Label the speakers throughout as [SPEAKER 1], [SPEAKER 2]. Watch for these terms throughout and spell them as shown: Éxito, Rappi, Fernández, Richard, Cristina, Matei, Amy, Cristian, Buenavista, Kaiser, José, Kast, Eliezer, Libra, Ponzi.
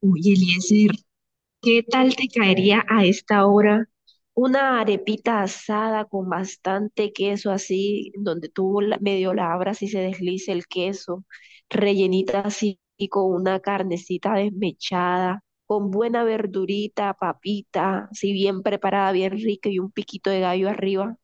[SPEAKER 1] Oye, Eliezer, ¿qué tal te caería a esta hora una arepita asada con bastante queso así, donde tú medio la abras y se deslice el queso, rellenita así y con una carnecita desmechada, con buena verdurita, papita, así bien preparada, bien rica y un piquito de gallo arriba?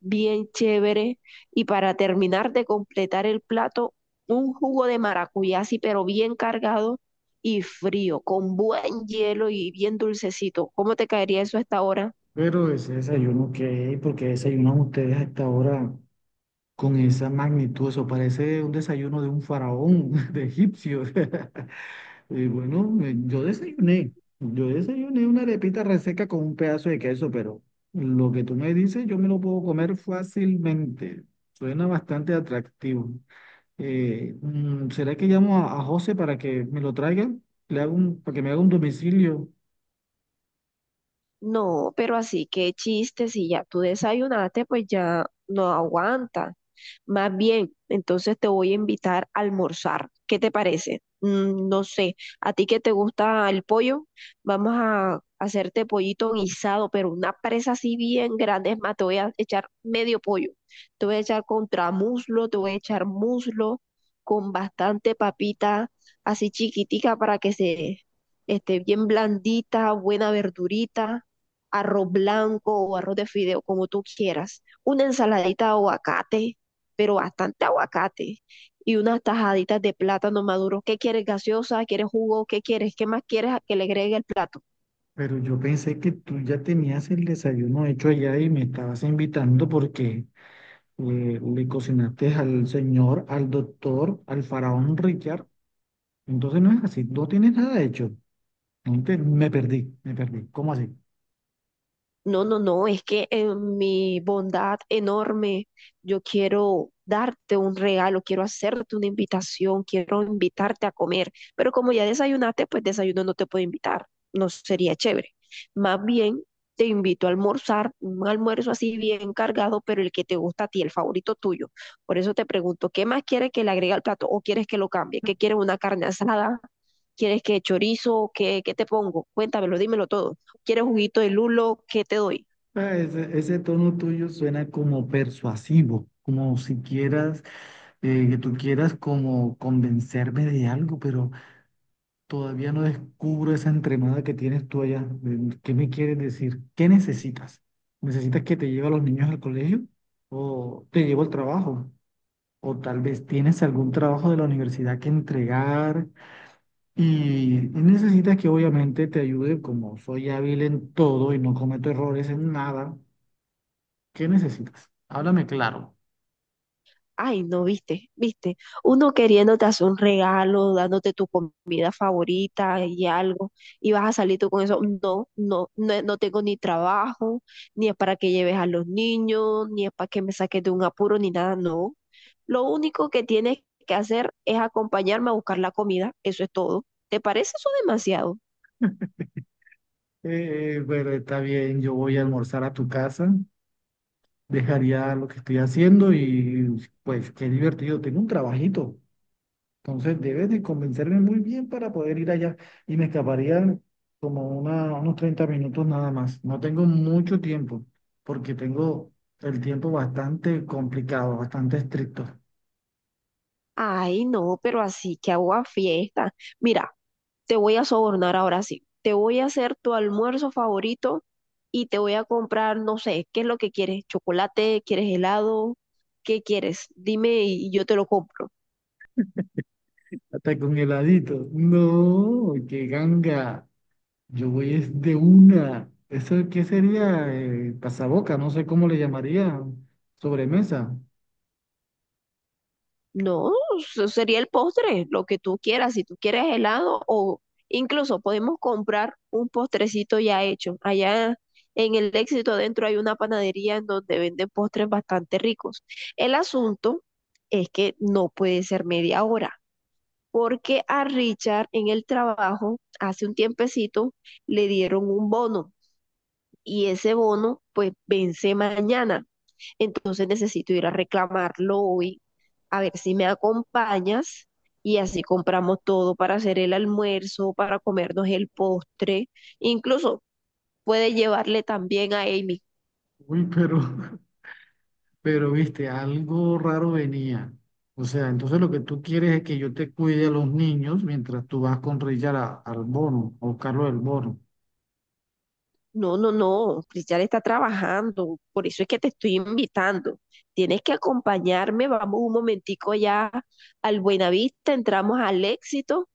[SPEAKER 1] Bien chévere. Y para terminar de completar el plato, un jugo de maracuyá, sí, pero bien cargado y frío, con buen hielo y bien dulcecito. ¿Cómo te caería eso a esta hora?
[SPEAKER 2] Pero ese desayuno, que, ¿por qué desayunan ustedes a esta hora con esa magnitud? Eso parece un desayuno de un faraón, de egipcio. Y bueno, yo desayuné una arepita reseca con un pedazo de queso, pero lo que tú me dices yo me lo puedo comer fácilmente. Suena bastante atractivo. ¿Será que llamo a José para que me lo traiga? Para que me haga un domicilio.
[SPEAKER 1] No, pero así, qué chiste, si ya tú desayunaste, pues ya no aguanta. Más bien, entonces te voy a invitar a almorzar. ¿Qué te parece? Mm, no sé, a ti que te gusta el pollo, vamos a hacerte pollito guisado, pero una presa así bien grande. Es más, te voy a echar medio pollo. Te voy a echar contramuslo, te voy a echar muslo con bastante papita así chiquitica para que se esté bien blandita, buena verdurita, arroz blanco o arroz de fideo, como tú quieras, una ensaladita de aguacate pero bastante aguacate y unas tajaditas de plátano maduro. ¿Qué quieres, gaseosa? ¿Quieres jugo? ¿Qué quieres? ¿Qué más quieres que le agregue el plato?
[SPEAKER 2] Pero yo pensé que tú ya tenías el desayuno hecho allá y me estabas invitando porque le cocinaste al señor, al doctor, al faraón Richard. Entonces no es así, no tienes nada hecho. No te- Me perdí, me perdí. ¿Cómo así?
[SPEAKER 1] No, no, no, es que en mi bondad enorme yo quiero darte un regalo, quiero hacerte una invitación, quiero invitarte a comer, pero como ya desayunaste, pues desayuno no te puedo invitar, no sería chévere. Más bien te invito a almorzar, un almuerzo así bien cargado, pero el que te gusta a ti, el favorito tuyo. Por eso te pregunto, ¿qué más quieres que le agregue al plato o quieres que lo cambie? ¿Qué quieres, una carne asada? ¿Quieres que chorizo? ¿Qué te pongo? Cuéntamelo, dímelo todo. ¿Quieres juguito de lulo? ¿Qué te doy?
[SPEAKER 2] Ah, ese tono tuyo suena como persuasivo, como si quieras, que tú quieras como convencerme de algo, pero todavía no descubro esa entremada que tienes tú allá. ¿Qué me quieres decir? ¿Qué necesitas? ¿Necesitas que te lleve a los niños al colegio? ¿O te llevo al trabajo? ¿O tal vez tienes algún trabajo de la universidad que entregar? Y necesitas que obviamente te ayude, como soy hábil en todo y no cometo errores en nada. ¿Qué necesitas? Háblame claro.
[SPEAKER 1] Ay, no, viste, viste. Uno queriéndote hacer un regalo, dándote tu comida favorita y algo, y vas a salir tú con eso. No, no, no, no tengo ni trabajo, ni es para que lleves a los niños, ni es para que me saques de un apuro, ni nada, no. Lo único que tienes que hacer es acompañarme a buscar la comida, eso es todo. ¿Te parece eso demasiado?
[SPEAKER 2] Bueno, está bien, yo voy a almorzar a tu casa. Dejaría lo que estoy haciendo y pues qué divertido, tengo un trabajito. Entonces debes de convencerme muy bien para poder ir allá y me escaparían como unos 30 minutos nada más. No tengo mucho tiempo porque tengo el tiempo bastante complicado, bastante estricto.
[SPEAKER 1] Ay, no, pero así que hago a fiesta. Mira, te voy a sobornar ahora sí. Te voy a hacer tu almuerzo favorito y te voy a comprar, no sé, ¿qué es lo que quieres? ¿Chocolate? ¿Quieres helado? ¿Qué quieres? Dime y yo te lo compro.
[SPEAKER 2] Hasta con heladito. No, qué ganga. Yo voy es de una. ¿Eso qué sería? Pasaboca, no sé cómo le llamaría. Sobremesa.
[SPEAKER 1] No, eso sería el postre, lo que tú quieras. Si tú quieres helado o incluso podemos comprar un postrecito ya hecho. Allá en el Éxito Adentro hay una panadería en donde venden postres bastante ricos. El asunto es que no puede ser media hora, porque a Richard en el trabajo hace un tiempecito le dieron un bono y ese bono pues vence mañana. Entonces necesito ir a reclamarlo hoy, a ver si me acompañas y así compramos todo para hacer el almuerzo, para comernos el postre, incluso puede llevarle también a Amy.
[SPEAKER 2] Uy, pero pero viste, algo raro venía. O sea, entonces lo que tú quieres es que yo te cuide a los niños mientras tú vas con Richard al bono, a buscarlo del bono.
[SPEAKER 1] No, no, no, Cristian está trabajando, por eso es que te estoy invitando. Tienes que acompañarme, vamos un momentico ya al Buenavista, entramos al Éxito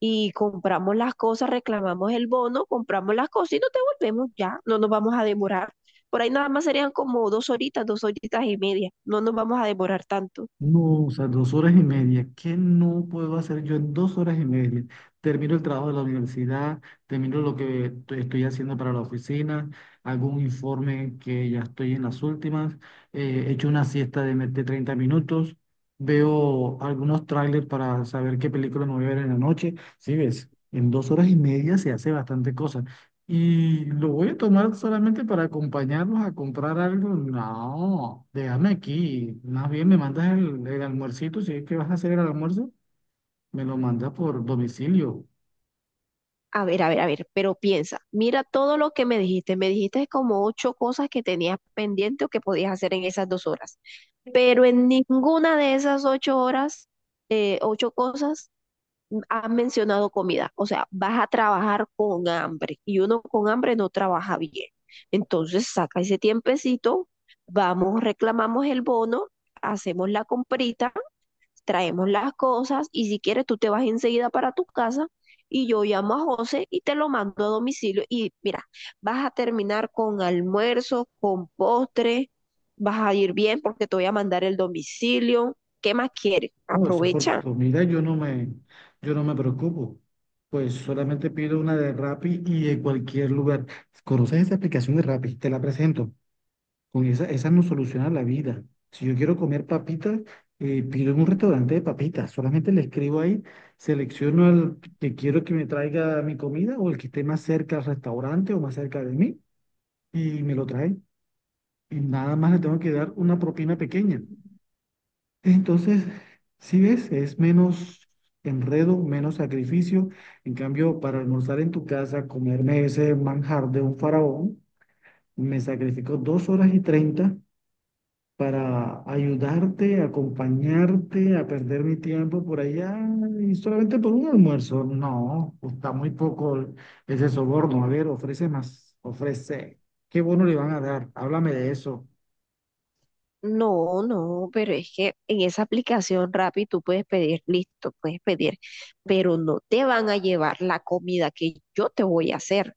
[SPEAKER 1] y compramos las cosas, reclamamos el bono, compramos las cosas y nos devolvemos ya, no nos vamos a demorar. Por ahí nada más serían como dos horitas y media, no nos vamos a demorar tanto.
[SPEAKER 2] No, o sea, dos horas y media. ¿Qué no puedo hacer yo en dos horas y media? Termino el trabajo de la universidad, termino lo que estoy haciendo para la oficina, hago un informe que ya estoy en las últimas, echo una siesta de, de 30 minutos, veo algunos trailers para saber qué película me voy a ver en la noche. Sí, ves, en dos horas y media se hace bastante cosa. Y lo voy a tomar solamente para acompañarlos a comprar algo. No, déjame aquí. Más bien me mandas el almuercito. Si es que vas a hacer el almuerzo, me lo mandas por domicilio.
[SPEAKER 1] A ver, a ver, a ver, pero piensa, mira todo lo que me dijiste como ocho cosas que tenías pendiente o que podías hacer en esas 2 horas, pero en ninguna de esas 8 horas, ocho cosas, han mencionado comida. O sea, vas a trabajar con hambre y uno con hambre no trabaja bien. Entonces, saca ese tiempecito, vamos, reclamamos el bono, hacemos la comprita, traemos las cosas y si quieres tú te vas enseguida para tu casa y yo llamo a José y te lo mando a domicilio y mira, vas a terminar con almuerzo, con postre, vas a ir bien porque te voy a mandar el domicilio. ¿Qué más quieres?
[SPEAKER 2] Oh, eso por
[SPEAKER 1] Aprovecha.
[SPEAKER 2] comida yo no me preocupo. Pues solamente pido una de Rappi y de cualquier lugar. ¿Conoces esa aplicación de Rappi? Te la presento. Con esa nos soluciona la vida. Si yo quiero comer papitas, pido en un restaurante de papitas. Solamente le escribo ahí, selecciono al que quiero que me traiga mi comida o el que esté más cerca al restaurante o más cerca de mí y me lo trae. Y nada más le tengo que dar una propina pequeña. Entonces, si ves, es menos enredo, menos sacrificio. En cambio, para almorzar en tu casa, comerme ese manjar de un faraón, me sacrifico dos horas y treinta para ayudarte, acompañarte, a perder mi tiempo por allá y solamente por un almuerzo. No, está muy poco ese soborno. A ver, ofrece más, ofrece. ¿Qué bono le van a dar? Háblame de eso.
[SPEAKER 1] No, no, pero es que en esa aplicación Rappi tú puedes pedir, listo, puedes pedir, pero no te van a llevar la comida que yo te voy a hacer,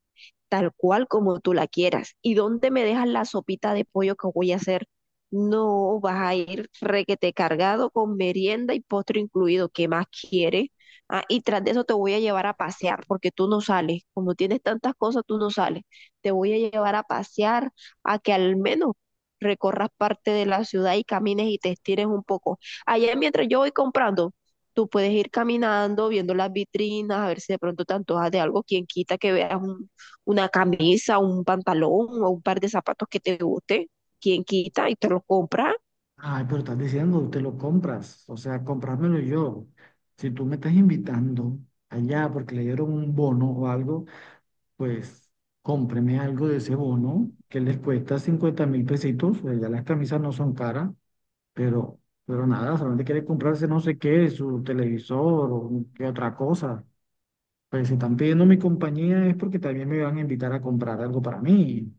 [SPEAKER 1] tal cual como tú la quieras. ¿Y dónde me dejas la sopita de pollo que voy a hacer? No, vas a ir requete cargado con merienda y postre incluido, ¿qué más quieres? Ah, y tras de eso te voy a llevar a pasear, porque tú no sales, como tienes tantas cosas, tú no sales. Te voy a llevar a pasear a que al menos recorras parte de la ciudad y camines y te estires un poco. Allá mientras yo voy comprando, tú puedes ir caminando, viendo las vitrinas, a ver si de pronto te antojas de algo, quien quita que veas una camisa, un pantalón o un par de zapatos que te guste, quien quita y te los compras.
[SPEAKER 2] Ay, pero estás diciendo, te lo compras, o sea, comprármelo yo. Si tú me estás invitando allá porque le dieron un bono o algo, pues cómpreme algo de ese bono que les cuesta 50 mil pesitos, pues ya las camisas no son caras. pero, pero nada, solamente quiere comprarse no sé qué, su televisor o qué otra cosa. Pues si están pidiendo mi compañía es porque también me van a invitar a comprar algo para mí.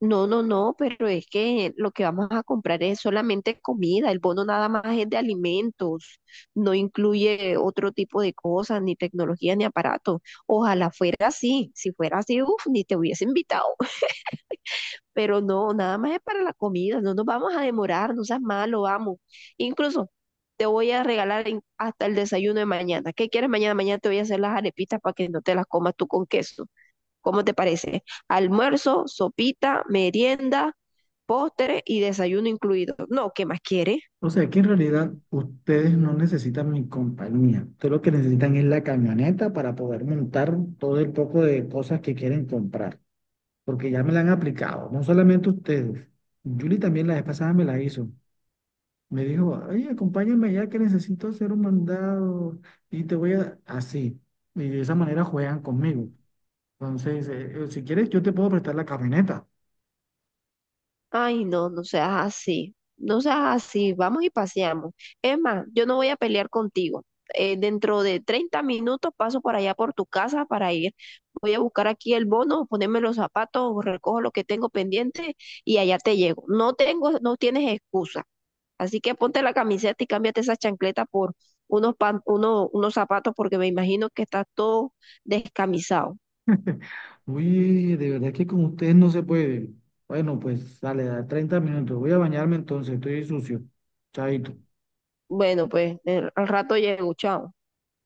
[SPEAKER 1] No, no, no, pero es que lo que vamos a comprar es solamente comida, el bono nada más es de alimentos, no incluye otro tipo de cosas, ni tecnología, ni aparato. Ojalá fuera así, si fuera así, uff, ni te hubiese invitado, pero no, nada más es para la comida, no nos vamos a demorar, no seas malo, vamos. Incluso te voy a regalar hasta el desayuno de mañana. ¿Qué quieres mañana? Mañana te voy a hacer las arepitas para que no te las comas tú con queso. ¿Cómo te parece? Almuerzo, sopita, merienda, postre y desayuno incluido. No, ¿qué más quieres?
[SPEAKER 2] O sea que en realidad ustedes no necesitan mi compañía. Ustedes lo que necesitan es la camioneta para poder montar todo el poco de cosas que quieren comprar. Porque ya me la han aplicado. No solamente ustedes. Julie también la vez pasada me la hizo. Me dijo, oye, acompáñame ya que necesito hacer un mandado y te voy a... Así. Y de esa manera juegan conmigo. Entonces, si quieres, yo te puedo prestar la camioneta.
[SPEAKER 1] Ay, no, no seas así, no seas así, vamos y paseamos. Es más, yo no voy a pelear contigo. Dentro de 30 minutos paso por allá por tu casa para ir. Voy a buscar aquí el bono, ponerme los zapatos, recojo lo que tengo pendiente y allá te llego. No tengo, no tienes excusa. Así que ponte la camiseta y cámbiate esa chancleta por unos zapatos porque me imagino que estás todo descamisado.
[SPEAKER 2] Uy, de verdad que con ustedes no se puede. Bueno, pues sale, da 30 minutos. Voy a bañarme entonces, estoy sucio. Chaito.
[SPEAKER 1] Bueno, pues al rato llego, chao.